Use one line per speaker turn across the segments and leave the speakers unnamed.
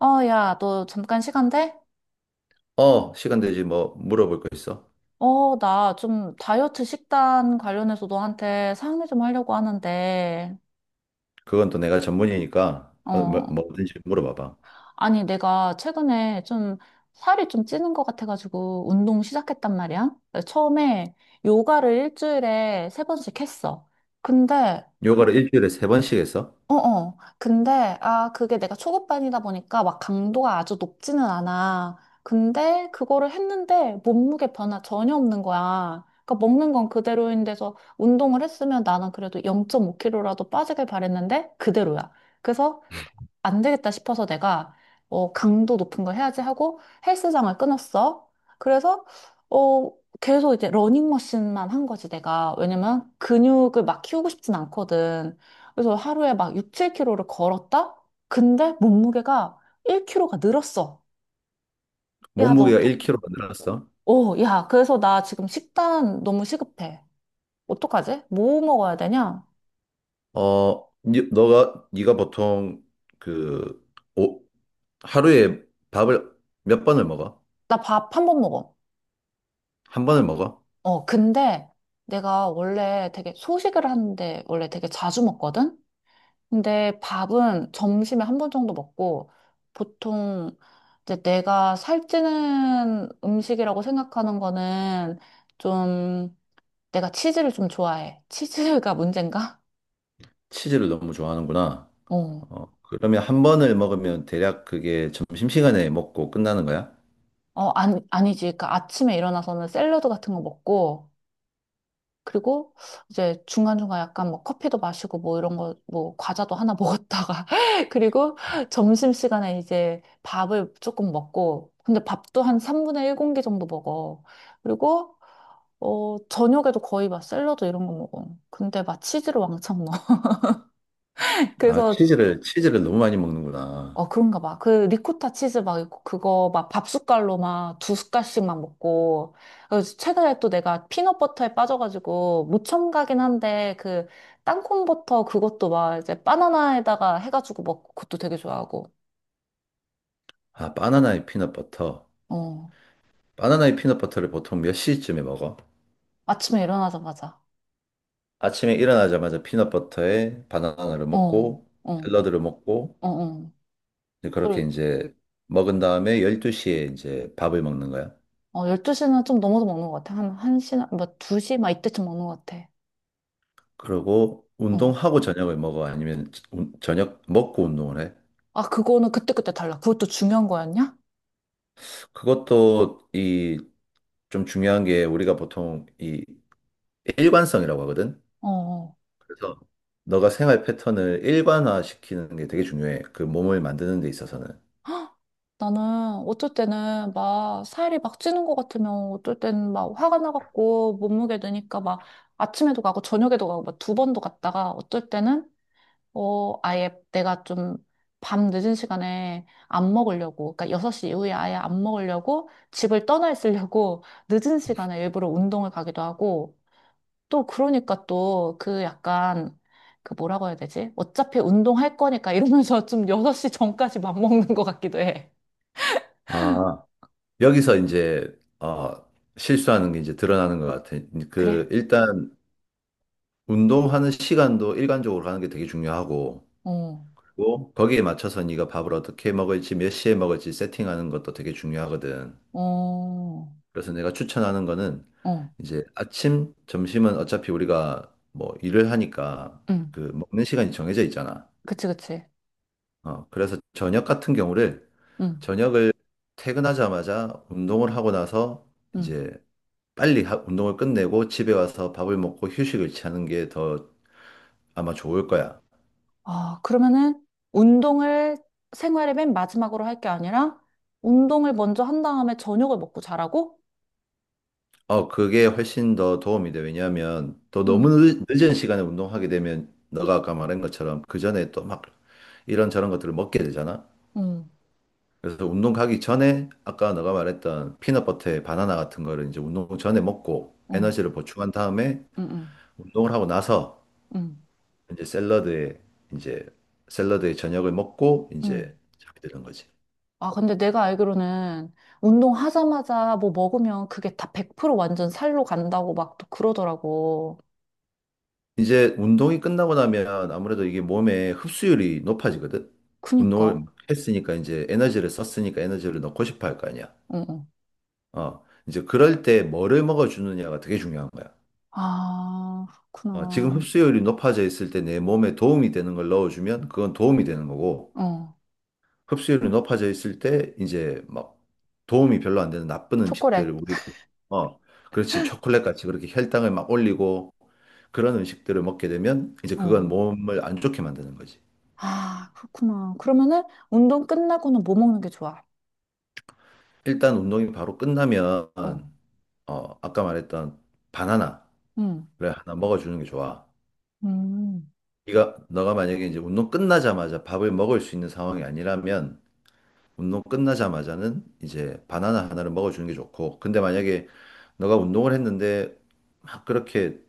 야, 너 잠깐 시간 돼?
어, 시간 되지. 뭐, 물어볼 거 있어?
나 좀 다이어트 식단 관련해서 너한테 상의 좀 하려고 하는데,
그건 또 내가 전문이니까,
어,
뭐든지 물어봐봐.
아니, 내가 최근에 좀 살이 좀 찌는 것 같아가지고 운동 시작했단 말이야. 처음에 요가를 일주일에 세 번씩 했어. 근데
요가를 일주일에 세 번씩 했어?
어어. 근데, 아, 그게 내가 초급반이다 보니까 막 강도가 아주 높지는 않아. 근데 그거를 했는데 몸무게 변화 전혀 없는 거야. 그러니까 먹는 건 그대로인데서 운동을 했으면 나는 그래도 0.5kg라도 빠지길 바랬는데 그대로야. 그래서 안 되겠다 싶어서 내가 강도 높은 걸 해야지 하고 헬스장을 끊었어. 그래서 어, 계속 이제 러닝머신만 한 거지 내가. 왜냐면 근육을 막 키우고 싶진 않거든. 그래서 하루에 막 6, 7kg를 걸었다? 근데 몸무게가 1kg가 늘었어. 야, 너
몸무게가
어떡해?
1kg 늘 늘었어?
오, 야, 그래서 나 지금 식단 너무 시급해. 어떡하지? 뭐 먹어야 되냐?
네가 보통, 그, 오, 하루에 밥을 몇 번을 먹어?
나 밥 한번 먹어.
한 번을 먹어?
근데 내가 원래 되게 소식을 하는데 원래 되게 자주 먹거든? 근데 밥은 점심에 한 번 정도 먹고 보통 이제 내가 살찌는 음식이라고 생각하는 거는 좀 내가 치즈를 좀 좋아해. 치즈가 문제인가?
치즈를 너무 좋아하는구나.
어.
그러면 한 번을 먹으면 대략 그게 점심시간에 먹고 끝나는 거야?
아니, 아니지. 그러니까 아침에 일어나서는 샐러드 같은 거 먹고 그리고 이제 중간중간 약간 뭐 커피도 마시고 뭐 이런 거, 뭐 과자도 하나 먹었다가. 그리고 점심시간에 이제 밥을 조금 먹고. 근데 밥도 한 3분의 1 공기 정도 먹어. 그리고, 저녁에도 거의 막 샐러드 이런 거 먹어. 근데 막 치즈를 왕창 넣어.
아,
그래서
치즈를 너무 많이 먹는구나.
그런가 봐. 그 리코타 치즈 막 있고 그거 막 밥 숟갈로 막 두 숟갈씩만 먹고. 그래서 최근에 또 내가 피넛버터에 빠져가지고 무첨가긴 한데 그 땅콩버터 그것도 막 이제 바나나에다가 해가지고 먹고 그것도 되게 좋아하고.
아, 바나나에 피넛버터.
어.
바나나의 피넛버터를 보통 몇 시쯤에 먹어?
아침에 일어나자마자.
아침에 일어나자마자 피넛버터에 바나나를
어.
먹고
어.
샐러드를 먹고
어. 어.
이제 그렇게
그리고
이제 먹은 다음에 12시에 이제 밥을 먹는 거야.
12시는 좀 넘어서 먹는 것 같아. 한 1시나 뭐 2시 막 이때쯤 먹는 것 같아.
그리고
어.
운동하고 저녁을 먹어? 아니면 저녁 먹고 운동을 해?
아, 그거는 그때그때 달라. 그것도 중요한 거였냐?
그것도 이 좀 중요한 게 우리가 보통 이 일관성이라고 하거든.
어. 어.
그래서 너가 생활 패턴을 일관화시키는 게 되게 중요해. 그 몸을 만드는 데 있어서는.
헉! 나는 어쩔 때는 막 살이 막 찌는 것 같으면 어쩔 때는 막 화가 나갖고 몸무게 드니까 막 아침에도 가고 저녁에도 가고 막 두 번도 갔다가 어쩔 때는 아예 내가 좀 밤 늦은 시간에 안 먹으려고 그러니까 6시 이후에 아예 안 먹으려고 집을 떠나 있으려고 늦은 시간에 일부러 운동을 가기도 하고 또 그러니까 또 그 약간 그 뭐라고 해야 되지? 어차피 운동할 거니까 이러면서 좀 6시 전까지 맘먹는 것 같기도 해.
아, 여기서 이제 어, 실수하는 게 이제 드러나는 것 같아.
그래?
그 일단 운동하는 시간도 일관적으로 하는 게 되게 중요하고
어,
그리고 거기에 맞춰서 네가 밥을 어떻게 먹을지 몇 시에 먹을지 세팅하는 것도 되게 중요하거든.
어,
그래서 내가 추천하는 거는
어,
이제 아침, 점심은 어차피 우리가 뭐 일을 하니까
응,
그 먹는 시간이 정해져 있잖아.
그치, 그치,
그래서 저녁 같은 경우를
응,
저녁을 퇴근하자마자 운동을 하고 나서
응.
이제 빨리 운동을 끝내고 집에 와서 밥을 먹고 휴식을 취하는 게 더 아마 좋을 거야.
아, 그러면은 운동을 생활의 맨 마지막으로 할 게 아니라 운동을 먼저 한 다음에 저녁을 먹고 자라고?
그게 훨씬 더 도움이 돼. 왜냐하면 또 너무
응,
늦은 시간에 운동하게 되면 너가 아까 말한 것처럼 그 전에 또 막 이런저런 것들을 먹게 되잖아.
응,
그래서 운동 가기 전에 아까 너가 말했던 피넛버터에 바나나 같은 거를 이제 운동 전에 먹고
어,
에너지를 보충한 다음에
응, 응,
운동을 하고 나서
응,
이제 이제 샐러드에 저녁을 먹고
응.
이제 잠이 드는 거지.
아, 근데 내가 알기로는 운동하자마자 뭐 먹으면 그게 다 100% 완전 살로 간다고 막 또 그러더라고.
이제 운동이 끝나고 나면 아무래도 이게 몸에 흡수율이 높아지거든.
그니까,
운동을 했으니까 이제 에너지를 썼으니까 에너지를 넣고 싶어 할 거 아니야.
어, 어.
이제 그럴 때 뭐를 먹어주느냐가 되게 중요한 거야.
아,
지금
그렇구나.
흡수율이 높아져 있을 때 내 몸에 도움이 되는 걸 넣어주면 그건 도움이 되는 거고,
어,
흡수율이 높아져 있을 때 이제 막 도움이 별로 안 되는 나쁜
초콜릿.
음식들을 우리가, 어, 그렇지. 초콜릿 같이 그렇게 혈당을 막 올리고 그런 음식들을 먹게 되면 이제 그건
어.
몸을 안 좋게 만드는 거지.
아, 그렇구나. 그러면은 운동 끝나고는 뭐 먹는 게 좋아?
일단 운동이 바로 끝나면
어.
아까 말했던 바나나를
음.
하나 먹어주는 게 좋아.
음.
네가 너가 만약에 이제 운동 끝나자마자 밥을 먹을 수 있는 상황이 아니라면 운동 끝나자마자는 이제 바나나 하나를 먹어주는 게 좋고 근데 만약에 너가 운동을 했는데 막 그렇게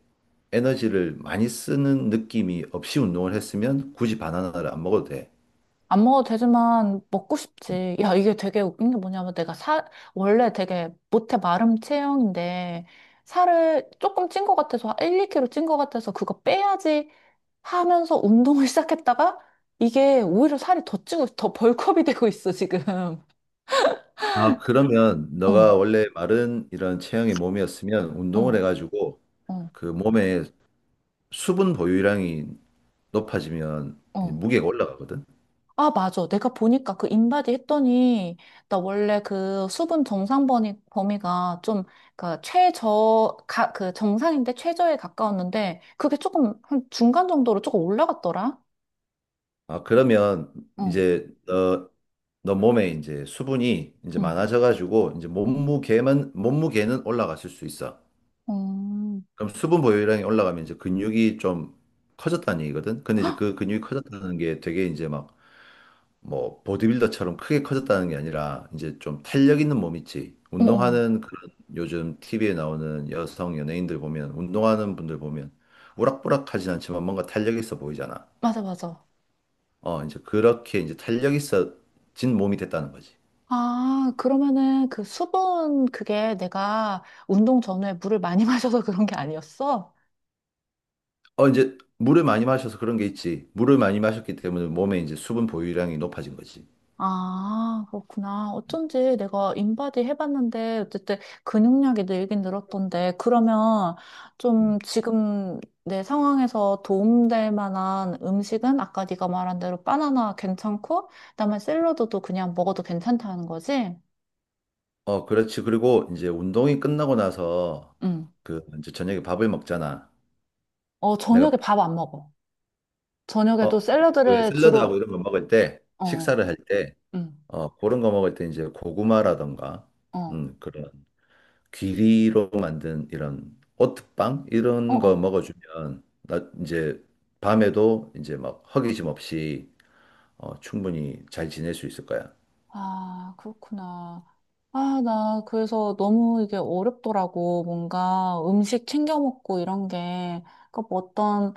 에너지를 많이 쓰는 느낌이 없이 운동을 했으면 굳이 바나나를 안 먹어도 돼.
안 먹어도 되지만 먹고 싶지. 야, 이게 되게 웃긴 게 뭐냐면 내가 살, 원래 되게 못해 마름 체형인데 살을 조금 찐 것 같아서 1, 2kg 찐 것 같아서 그거 빼야지 하면서 운동을 시작했다가 이게 오히려 살이 더 찌고 더 벌크업이 되고 있어, 지금.
아, 그러면
어,
너가 원래 마른 이런 체형의 몸이었으면 운동을
어,
해가지고
어,
그 몸에 수분 보유량이 높아지면 이제
어.
무게가 올라가거든.
아, 맞아. 내가 보니까 그 인바디 했더니, 나 원래 그 수분 정상 범위가 좀, 그 최저, 그 정상인데 최저에 가까웠는데, 그게 조금, 한 중간 정도로 조금 올라갔더라?
아, 그러면
어,
이제 너 몸에 이제 수분이 이제
응.
많아져가지고 이제 몸무게는 올라갔을 수 있어.
어,
그럼 수분 보유량이 올라가면 이제 근육이 좀 커졌다는 얘기거든. 근데 이제 그 근육이 커졌다는 게 되게 이제 막 뭐 보디빌더처럼 크게 커졌다는 게 아니라 이제 좀 탄력 있는 몸 있지.
어, 어.
운동하는 그런 요즘 TV에 나오는 여성 연예인들 보면 운동하는 분들 보면 우락부락하진 않지만 뭔가 탄력 있어 보이잖아.
맞아, 맞아.
이제 그렇게 이제 탄력 있어진 몸이 됐다는 거지.
아, 그러면은 그 수분, 그게 내가 운동 전후에 물을 많이 마셔서 그런 게 아니었어?
이제 물을 많이 마셔서 그런 게 있지. 물을 많이 마셨기 때문에 몸에 이제 수분 보유량이 높아진 거지.
아, 그렇구나. 어쩐지 내가 인바디 해봤는데, 어쨌든 근육량이 늘긴 늘었던데, 그러면 좀
음.
지금 내 상황에서 도움될 만한 음식은 아까 네가 말한 대로 바나나 괜찮고, 그다음에 샐러드도 그냥 먹어도 괜찮다는 거지?
그렇지. 그리고 이제 운동이 끝나고 나서
응.
그 이제 저녁에 밥을 먹잖아.
어, 저녁에
내가
밥 안 먹어. 저녁에도
어, 왜
샐러드를
샐러드하고
주로,
이런 거 먹을 때,
어,
식사를 할 때,
응,
그런 거 먹을 때 이제 고구마라던가,
어,
그런 귀리로 만든 이런 오트빵
어,
이런 거
어.
먹어주면, 나 이제 밤에도 이제 막 허기짐 없이 충분히 잘 지낼 수 있을 거야.
아, 그렇구나. 아, 나 그래서 너무 이게 어렵더라고. 뭔가 음식 챙겨 먹고 이런 게. 그러니까 뭐 어떤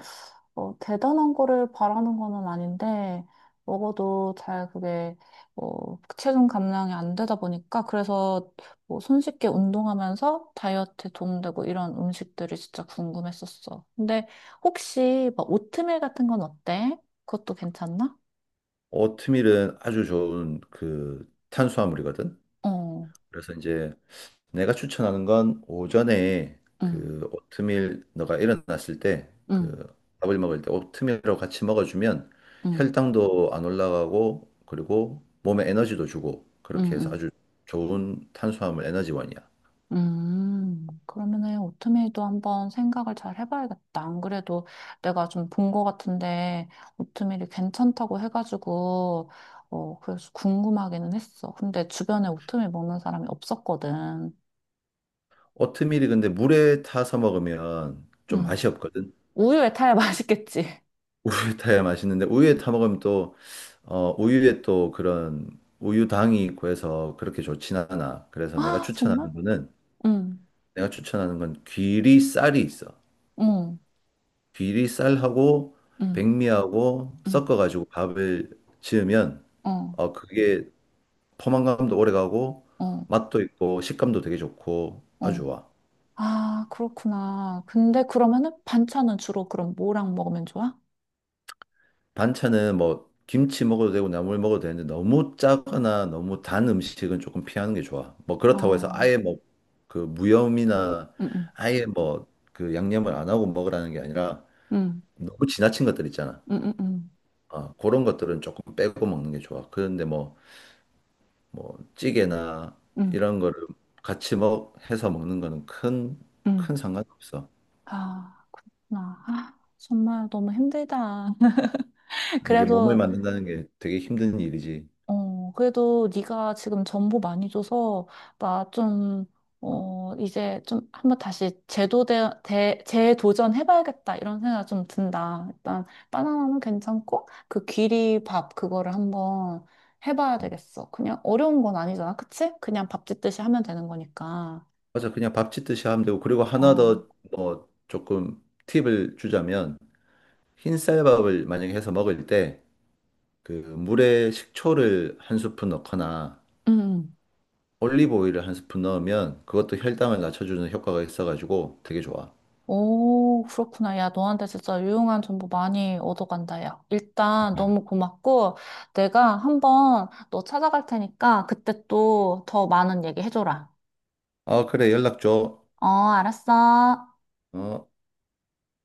대단한 거를 바라는 거는 아닌데 먹어도 잘 그게 체중 감량이 안 되다 보니까 그래서 뭐 손쉽게 운동하면서 다이어트에 도움되고 이런 음식들이 진짜 궁금했었어. 근데 혹시 막 오트밀 같은 건 어때? 그것도 괜찮나?
오트밀은 아주 좋은 그 탄수화물이거든.
어,
그래서 이제 내가 추천하는 건 오전에
응,
그 오트밀 너가 일어났을 때
응,
그 밥을 먹을 때 오트밀하고 같이 먹어주면
응.
혈당도 안 올라가고 그리고 몸에 에너지도 주고
음,
그렇게 해서
음.
아주 좋은 탄수화물 에너지원이야.
그러면은 오트밀도 한번 생각을 잘 해봐야겠다. 안 그래도 내가 좀 본 거 같은데 오트밀이 괜찮다고 해가지고 그래서 궁금하기는 했어. 근데 주변에 오트밀 먹는 사람이 없었거든.
오트밀이 근데 물에 타서 먹으면 좀 맛이
음,
없거든.
우유에 타야 맛있겠지.
우유에 타야 맛있는데 우유에 타 먹으면 또 우유에 또 그런 우유당이 있고 해서 그렇게 좋진 않아. 그래서
아 정말? 응,
내가 추천하는 건 귀리 쌀이 있어.
응,
귀리 쌀하고
응,
백미하고
응,
섞어가지고 밥을 지으면
어,
그게 포만감도 오래가고
어,
맛도 있고 식감도 되게 좋고 아주
어.
좋아.
아 그렇구나. 근데 그러면은 반찬은 주로 그럼 뭐랑 먹으면 좋아?
반찬은 뭐 김치 먹어도 되고 나물 먹어도 되는데 너무 짜거나 너무 단 음식은 조금 피하는 게 좋아. 뭐 그렇다고 해서
아,
아예 뭐 그 무염이나
응, 응.
아예 뭐 그 양념을 안 하고 먹으라는 게 아니라
응.
너무 지나친 것들 있잖아.
음, 음,
아, 그런 것들은 조금 빼고 먹는 게 좋아. 그런데 뭐, 찌개나
음,
이런 거를 같이 해서 먹는 거는 큰, 큰
음.
상관없어.
아, 그렇구나. 아, 정말 너무 힘들다.
이게 몸을
그래도,
만든다는 게 되게 힘든 일이지.
어, 그래도 네가 지금 정보 많이 줘서, 나 좀, 이제 좀 한번 다시 재도전해봐야겠다. 이런 생각 좀 든다. 일단, 바나나는 괜찮고, 그 귀리밥, 그거를 한번 해봐야 되겠어. 그냥 어려운 건 아니잖아. 그치? 그냥 밥 짓듯이 하면 되는 거니까.
맞아, 그냥 밥 짓듯이 하면 되고. 그리고 하나
어,
더 뭐, 조금 팁을 주자면, 흰쌀밥을 만약에 해서 먹을 때, 그 물에 식초를 한 스푼 넣거나,
음.
올리브 오일을 한 스푼 넣으면 그것도 혈당을 낮춰주는 효과가 있어가지고 되게 좋아.
오, 그렇구나. 야, 너한테 진짜 유용한 정보 많이 얻어간다, 야. 일단 너무 고맙고, 내가 한번 너 찾아갈 테니까 그때 또 더 많은 얘기 해줘라.
아, 그래, 연락 줘.
어, 알았어.
어.